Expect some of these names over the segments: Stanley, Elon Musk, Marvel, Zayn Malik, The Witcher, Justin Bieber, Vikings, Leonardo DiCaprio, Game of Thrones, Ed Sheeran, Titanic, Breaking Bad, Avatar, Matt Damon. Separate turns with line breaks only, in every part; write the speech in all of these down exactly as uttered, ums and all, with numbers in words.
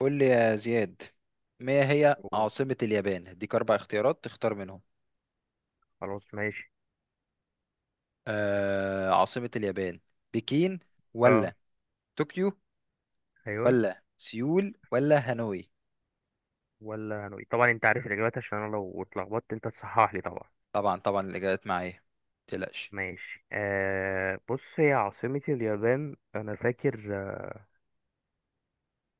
قول لي يا زياد، ما هي
أوه،
عاصمة اليابان؟ اديك أربع اختيارات تختار منهم.
خلاص ماشي.
آه، عاصمة اليابان، بكين
اه،
ولا طوكيو
ايوه.
ولا سيول ولا هانوي؟
ولا هنوي، طبعا انت عارف الاجابات عشان انا لو اتلخبطت انت تصحح لي طبعا.
طبعا طبعا الإجابات معايا، متقلقش.
ماشي. آه بص، هي عاصمة اليابان انا فاكر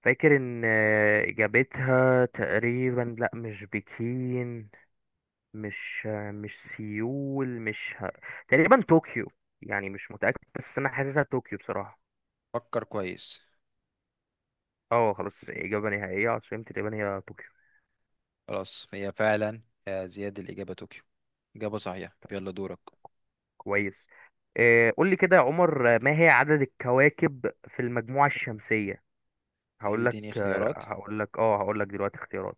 فاكر ان، آه، اجابتها تقريبا لا مش بكين، مش آه، مش سيول، مش ه... تقريبا طوكيو. يعني مش متأكد بس انا حاسسها طوكيو بصراحة.
فكر كويس.
اه، خلاص، اجابة نهائية، عاصمة اليابان هي طوكيو.
خلاص، هي فعلا يا زياد الإجابة طوكيو. إجابة صحيحة، يلا دورك.
كويس. آه، قول لي كده يا عمر. آه، ما هي عدد الكواكب في المجموعة الشمسية؟
طيب،
هقول لك.
اديني
آه،
اختيارات.
هقول لك اه هقول لك دلوقتي اختيارات.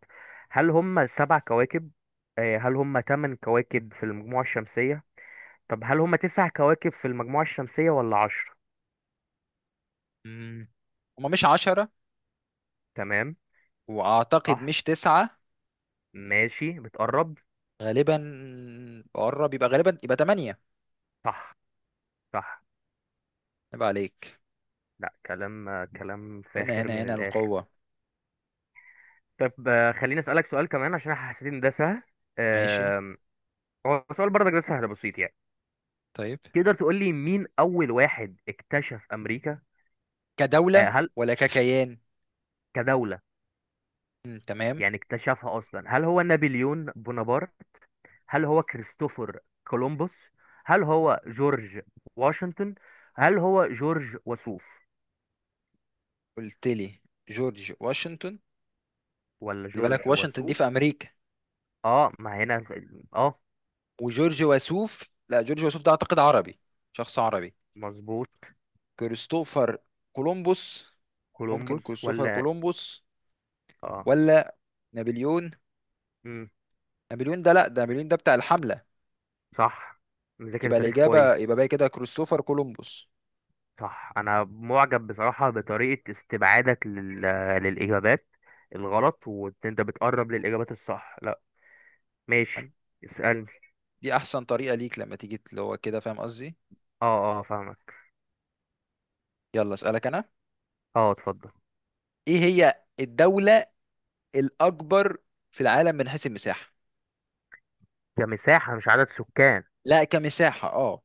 هل هم سبع كواكب؟ آه، هل هم ثمان كواكب في المجموعة الشمسية؟ طب هل هم تسع كواكب في المجموعة الشمسية ولا عشرة؟
مم. هما مش عشرة،
تمام.
وأعتقد
صح.
مش تسعة.
ماشي، بتقرب.
غالبا قرب، يبقى غالبا يبقى تمانية.
صح، صح.
يبقى عليك.
لا، كلام، آه، كلام
هنا
فاخر
هنا
من
هنا
الآخر.
القوة.
طب، آه، خليني أسألك سؤال كمان عشان أنا حسيت إن ده سهل.
ماشي.
آم، هو سؤال برضك ده سهل بسيط يعني.
طيب،
تقدر تقول لي مين أول واحد اكتشف أمريكا؟ آه،
كدولة
هل
ولا ككيان؟
كدولة.
مم، تمام.
يعني اكتشفها أصلا، هل هو نابليون بونابرت؟ هل هو كريستوفر كولومبوس؟ هل هو جورج واشنطن؟ هل هو جورج وسوف
قلت لي جورج واشنطن؟
ولا
خلي بالك،
جورج
واشنطن دي في
وسوف؟
أمريكا.
اه، ما هنا ال- اه
وجورج وسوف، لا، جورج وسوف ده أعتقد عربي، شخص عربي.
مظبوط.
كريستوفر كولومبوس. ممكن
كولومبوس
كريستوفر
ولا؟
كولومبوس
اه.
ولا نابليون.
مم.
نابليون ده لا، ده نابليون ده بتاع الحملة.
صح. مذاكر
يبقى
تاريخ
الإجابة،
كويس.
يبقى باقي كده كريستوفر كولومبوس.
صح، انا معجب بصراحة بطريقة استبعادك لل... للإجابات الغلط، وانت بتقرب للإجابات الصح. لا، ماشي، اسألني.
دي أحسن طريقة ليك، لما تيجي اللي هو كده، فاهم قصدي.
اه، اه فاهمك.
يلا أسألك أنا.
اه، اتفضل.
إيه هي الدولة الاكبر في العالم من حيث المساحه؟
كمساحة مش عدد سكان؟
لا، كمساحه، اه.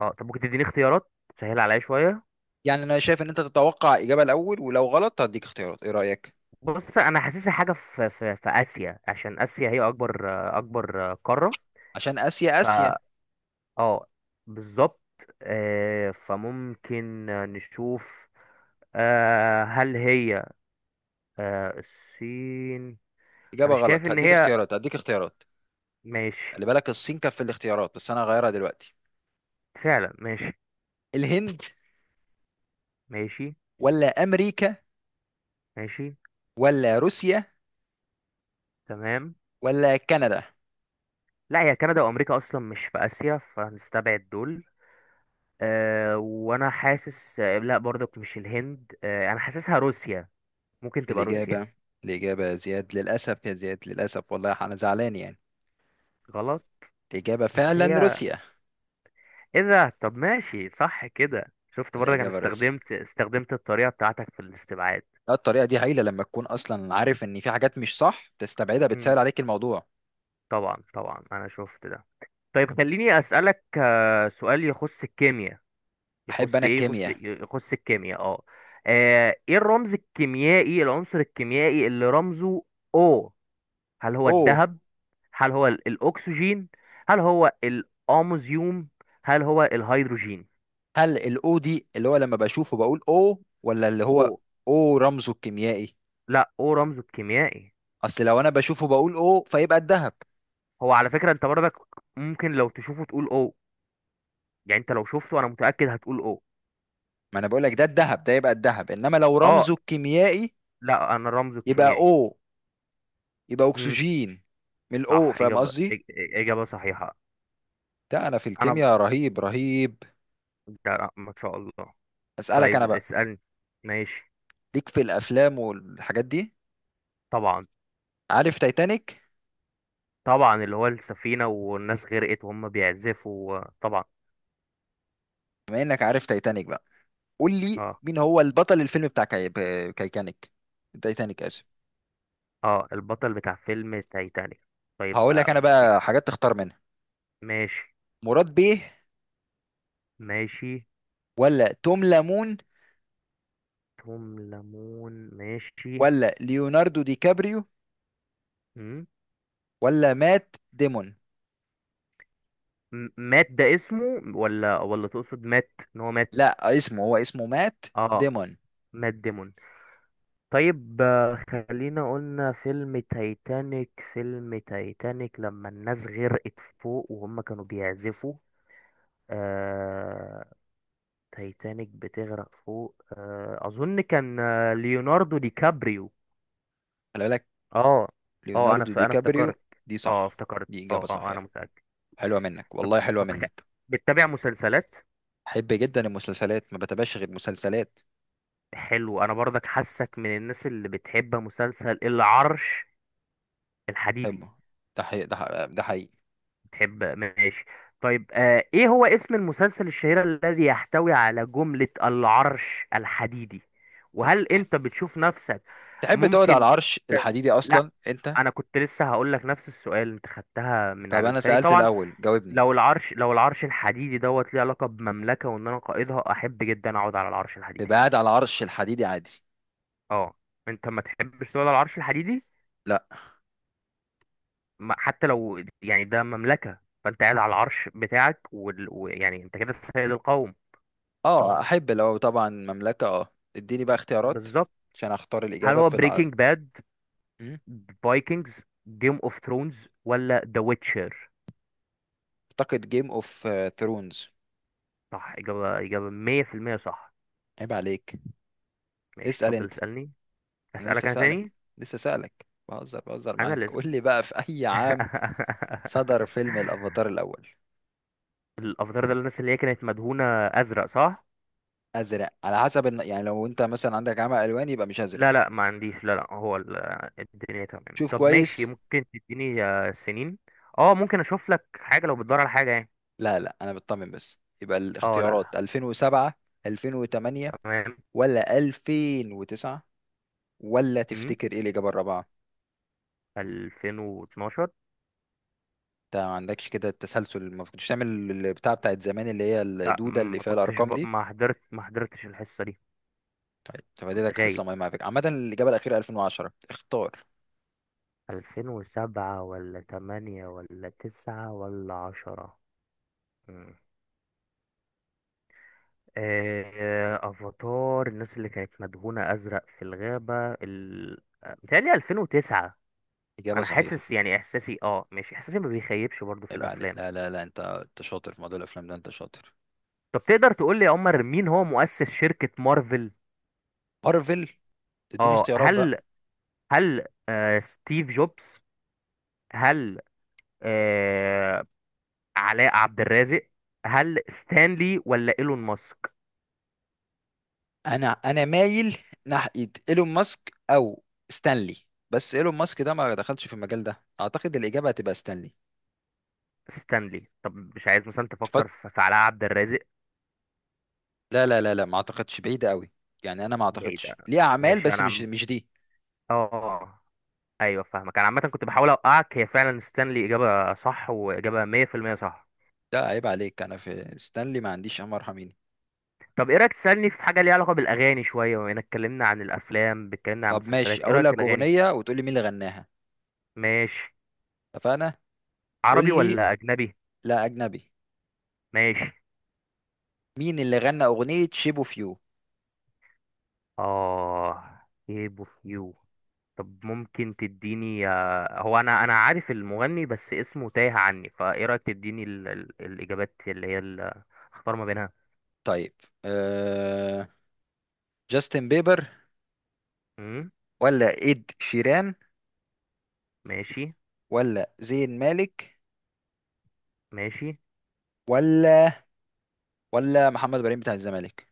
اه. طب ممكن تديني اختيارات؟ سهل عليا شوية.
يعني انا شايف ان انت تتوقع اجابه الاول، ولو غلط هديك اختيارات، ايه رايك؟
بص انا حاسسها حاجة في في في آسيا عشان آسيا هي اكبر اكبر قارة.
عشان اسيا
ف
اسيا.
اه، بالظبط. آه، فممكن نشوف. آه، هل هي، آه، الصين؟ انا
اجابه
شايف
غلط،
ان
هديك
هي،
اختيارات هديك اختيارات
ماشي.
خلي بالك، الصين كانت في الاختيارات بس انا هغيرها دلوقتي.
فعلا ماشي.
الهند
ماشي.
ولا امريكا
ماشي.
ولا روسيا
تمام.
ولا كندا؟
لا، هي كندا وامريكا اصلا مش في اسيا، فهنستبعد دول. أه، وانا حاسس آه، لا، برضك مش الهند. أه، انا حاسسها روسيا. ممكن تبقى روسيا.
الاجابه، الاجابه يا زياد، للاسف يا زياد، للاسف، والله انا زعلان يعني.
غلط؟
الاجابه
بس
فعلا
هي،
روسيا.
ايه ده؟ طب ماشي، صح كده، شفت برضك انا
الاجابه روسيا.
استخدمت استخدمت الطريقة بتاعتك في الاستبعاد.
لا، الطريقه دي هايله، لما تكون اصلا عارف ان في حاجات مش صح تستبعدها، بتسهل
امم.
عليك الموضوع.
طبعا طبعا، انا شفت ده. طيب خليني اسالك آه، سؤال يخص الكيمياء.
احب
يخص
انا
ايه يخص
الكيمياء.
يخص الكيمياء، اه. آه، ايه الرمز الكيميائي، العنصر الكيميائي اللي رمزه او؟ هل هو
او،
الذهب؟ هل هو ال- الاكسجين؟ هل هو الاموزيوم؟ هل هو الهيدروجين؟
هل الاو دي اللي هو لما بشوفه بقول او، ولا اللي هو
او.
او رمزه الكيميائي؟
لا، او رمزه الكيميائي.
اصل لو انا بشوفه بقول او، فيبقى الذهب.
هو على فكرة انت برضك ممكن لو تشوفه تقول او. يعني انت لو شفته انا متأكد هتقول او.
ما انا بقول لك ده الذهب، ده يبقى الذهب، انما لو
اه.
رمزه الكيميائي
لا انا رمزه
يبقى
الكيميائي.
او، يبقى
امم.
اكسجين، من الاو،
صح،
فاهم
اجابة
قصدي.
إج- اجابة صحيحة.
ده انا في
انا،
الكيمياء رهيب رهيب.
لا ما شاء الله.
اسالك انا
طيب
بقى.
اسألني. ماشي.
ليك في الافلام والحاجات دي؟
طبعا
عارف تايتانيك؟
طبعا، اللي هو السفينة والناس غرقت وهم بيعزفوا طبعا.
بما انك عارف تايتانيك بقى، قول لي
اه،
مين هو البطل الفيلم بتاع كاي... ب- كايتانيك، تايتانيك، اسف.
اه. البطل بتاع فيلم تايتانيك. طيب
هقول لك
بقى
انا
في.
بقى حاجات تختار منها.
ماشي.
مراد بيه
ماشي.
ولا توم لامون
توم ليمون. ماشي.
ولا ليوناردو دي كابريو
مم.
ولا مات ديمون؟
م- مات ده اسمه، ولا ولا تقصد مات ان هو مات؟
لا، اسمه، هو اسمه مات
اه.
ديمون.
مات ديمون. طيب، آه، خلينا قلنا فيلم تايتانيك، فيلم تايتانيك لما الناس غرقت فوق وهم كانوا بيعزفوا. آه، تايتانيك بتغرق فوق. آه، اظن كان آه، ليوناردو دي كابريو.
خلي بالك،
اه. اه، انا
ليوناردو
ف...
دي
انا
كابريو
افتكرت.
دي
اه،
صح،
افتكرت،
دي إجابة
اه، اه. آه، انا
صحيحة.
متأكد.
حلوة منك
طب،
والله، حلوة
طب خ...
منك.
بتتابع مسلسلات؟
بحب جدا المسلسلات، ما بتابعش غير مسلسلات.
حلو، انا برضك حاسك من الناس اللي بتحب مسلسل العرش الحديدي.
بحبه، ده حقيقي ده حقيقي ده حقيقي.
بتحب؟ ماشي. طيب، آه، ايه هو اسم المسلسل الشهير الذي يحتوي على جملة العرش الحديدي؟ وهل
تت-
انت بتشوف نفسك،
تحب تقعد على
ممكن
العرش
ت...
الحديدي
لا،
اصلا انت؟
انا كنت لسه هقول لك نفس السؤال، انت خدتها من
طب
على
انا
لساني
سألت
طبعا.
الاول، جاوبني.
لو العرش، لو العرش الحديدي دوت ليه علاقه بمملكه وان انا قائدها، احب جدا اقعد على العرش
تبقى
الحديدي.
قاعد على عرش الحديدي عادي.
اه. انت ما تحبش تقعد على العرش الحديدي؟
لا.
ما- حتى لو يعني ده مملكه، فانت قاعد على العرش بتاعك وال- ويعني انت كده سيد القوم.
اه اه، احب لو طبعا مملكة، اه. اديني بقى اختيارات
بالظبط.
عشان اختار
هل
الاجابة
هو
في الع...
بريكنج باد،
مم.
فايكنجز، جيم اوف ثرونز، ولا ذا ويتشر؟
اعتقد جيم اوف ثرونز.
صح، اجابه، اجابه مية في المية صح.
عيب عليك.
ماشي،
اسأل
اتفضل
انت.
اسالني.
انا
اسالك
لسه
انا
سألك،
تاني.
لسه سألك، بهزر بهزر
انا
معاك.
اللي
قول لي بقى، في اي عام صدر فيلم الافاتار الاول؟
الافاتار ده الناس اللي هي كانت مدهونه ازرق، صح؟
ازرق على حسب الن... يعني لو انت مثلا عندك عمى الوان، يبقى مش ازرق.
لا لا، ما عنديش. لا لا، هو ال- الدنيا تمام.
شوف
طب ماشي،
كويس.
ممكن تديني آه، سنين؟ اه، ممكن اشوف لك حاجه لو بتدور على حاجه يعني.
لا لا، انا بطمن بس. يبقى
اه، لا لا.
الاختيارات ألفين وسبعة، ألفين وتمانية،
تمام.
ولا ألفين وتسعة، ولا
امم.
تفتكر ايه الإجابة الرابعة؟
الفين واتناشر.
انت ما عندكش كده التسلسل؟ ما كنتش تعمل البتاع بتاعت زمان اللي هي
لا،
الدودة اللي
ما
فيها
كنتش
الأرقام
ب...
دي؟
ما حضرت ما حضرتش الحصه دي.
طيب،
كنت
تفاديلك
غايب.
حصة مهمة على فكرة. عامة الإجابة الأخيرة ألفين وعشرة، اختار.
ألفين وسبعة ولا ثمانية ولا تسعة ولا عشرة؟ آه، افاتار، الناس اللي كانت مدهونة ازرق في الغابة ال... آه، متهيألي ألفين وتسعة.
إجابة
انا
صحيحة.
حاسس، يعني احساسي، اه ماشي، احساسي ما بيخيبش برضو في
عيب عليك.
الافلام.
لا لا لا، انت انت شاطر في موضوع الأفلام ده، انت شاطر.
طب تقدر تقول لي يا عمر مين هو مؤسس شركة مارفل؟
مارفل، تديني
اه،
اختيارات بقى؟
هل هل آه، ستيف جوبز؟ هل آه، علاء عبد الرازق؟ هل ستانلي ولا ايلون ماسك؟
انا انا مايل ناحية ايلون ماسك او ستانلي. بس ايلون ماسك ده ما دخلش في المجال ده، اعتقد الإجابة هتبقى ستانلي.
ستانلي. طب مش عايز مثلا تفكر في في علاء عبد الرازق؟
لا لا لا لا، ما اعتقدش، بعيدة قوي. يعني انا ما
بعيد.
اعتقدش ليه اعمال،
ماشي.
بس
انا
مش
عم
مش دي.
اه آه. ايوه فاهمك. انا عامه كنت بحاول اوقعك، هي فعلا ستانلي، اجابه صح، واجابه مية في المية صح.
ده عيب عليك، انا في ستانلي ما عنديش عمر حميني.
طب ايه رايك تسالني في حاجه ليها علاقه بالاغاني شويه، بما اننا اتكلمنا عن الافلام، اتكلمنا عن
طب
المسلسلات،
ماشي،
ايه
اقول
رايك في
لك
الاغاني؟
اغنية وتقول لي مين اللي غناها.
ماشي.
اتفقنا؟ قول
عربي
لي.
ولا اجنبي؟
لا، اجنبي.
ماشي.
مين اللي غنى اغنية شيب اوف يو؟
اه، ايه اوف يو. طب ممكن تديني، آه، هو انا انا عارف المغني بس اسمه تايه عني، فايه رايك تديني ال... ال... الاجابات اللي هي ال... اختار ما بينها.
طيب. أه... جاستن بيبر
امم.
ولا اد شيران
ماشي.
ولا زين مالك
ماشي.
ولا ولا محمد ابراهيم بتاع الزمالك؟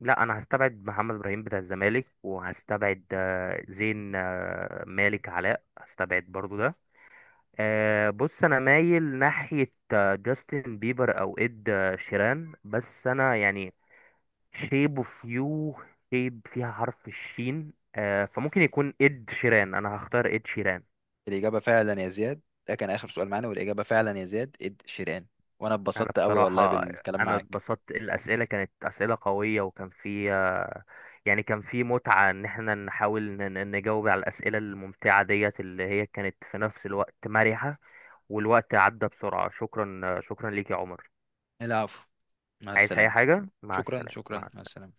لا، انا هستبعد محمد ابراهيم بتاع الزمالك، وهستبعد آه، زين آه، مالك علاء، هستبعد برضو ده. آه، بص انا مايل ناحية آه، جاستن بيبر او اد آه، شيران بس انا يعني، شيب اوف يو، شيب فيها حرف الشين. آه، فممكن يكون اد شيران. انا هختار اد شيران.
الاجابة فعلا يا زياد، ده كان اخر سؤال معانا، والاجابة فعلا يا زياد اد شيران. وانا
انا
اتبسطت قوي والله
بصراحة،
بالكلام
انا
معاك.
اتبسطت. الاسئلة كانت اسئلة قوية، وكان فيها يعني كان في متعة ان احنا نحاول ن- ن- نجاوب على الاسئلة الممتعة ديت اللي هي كانت في نفس الوقت مرحة. والوقت عدى بسرعة. شكرا، شكرا ليك يا عمر.
العفو، مع
عايز اي
السلامة.
حاجة؟ مع
شكرا
السلامة. مع
شكرا، مع السلامة.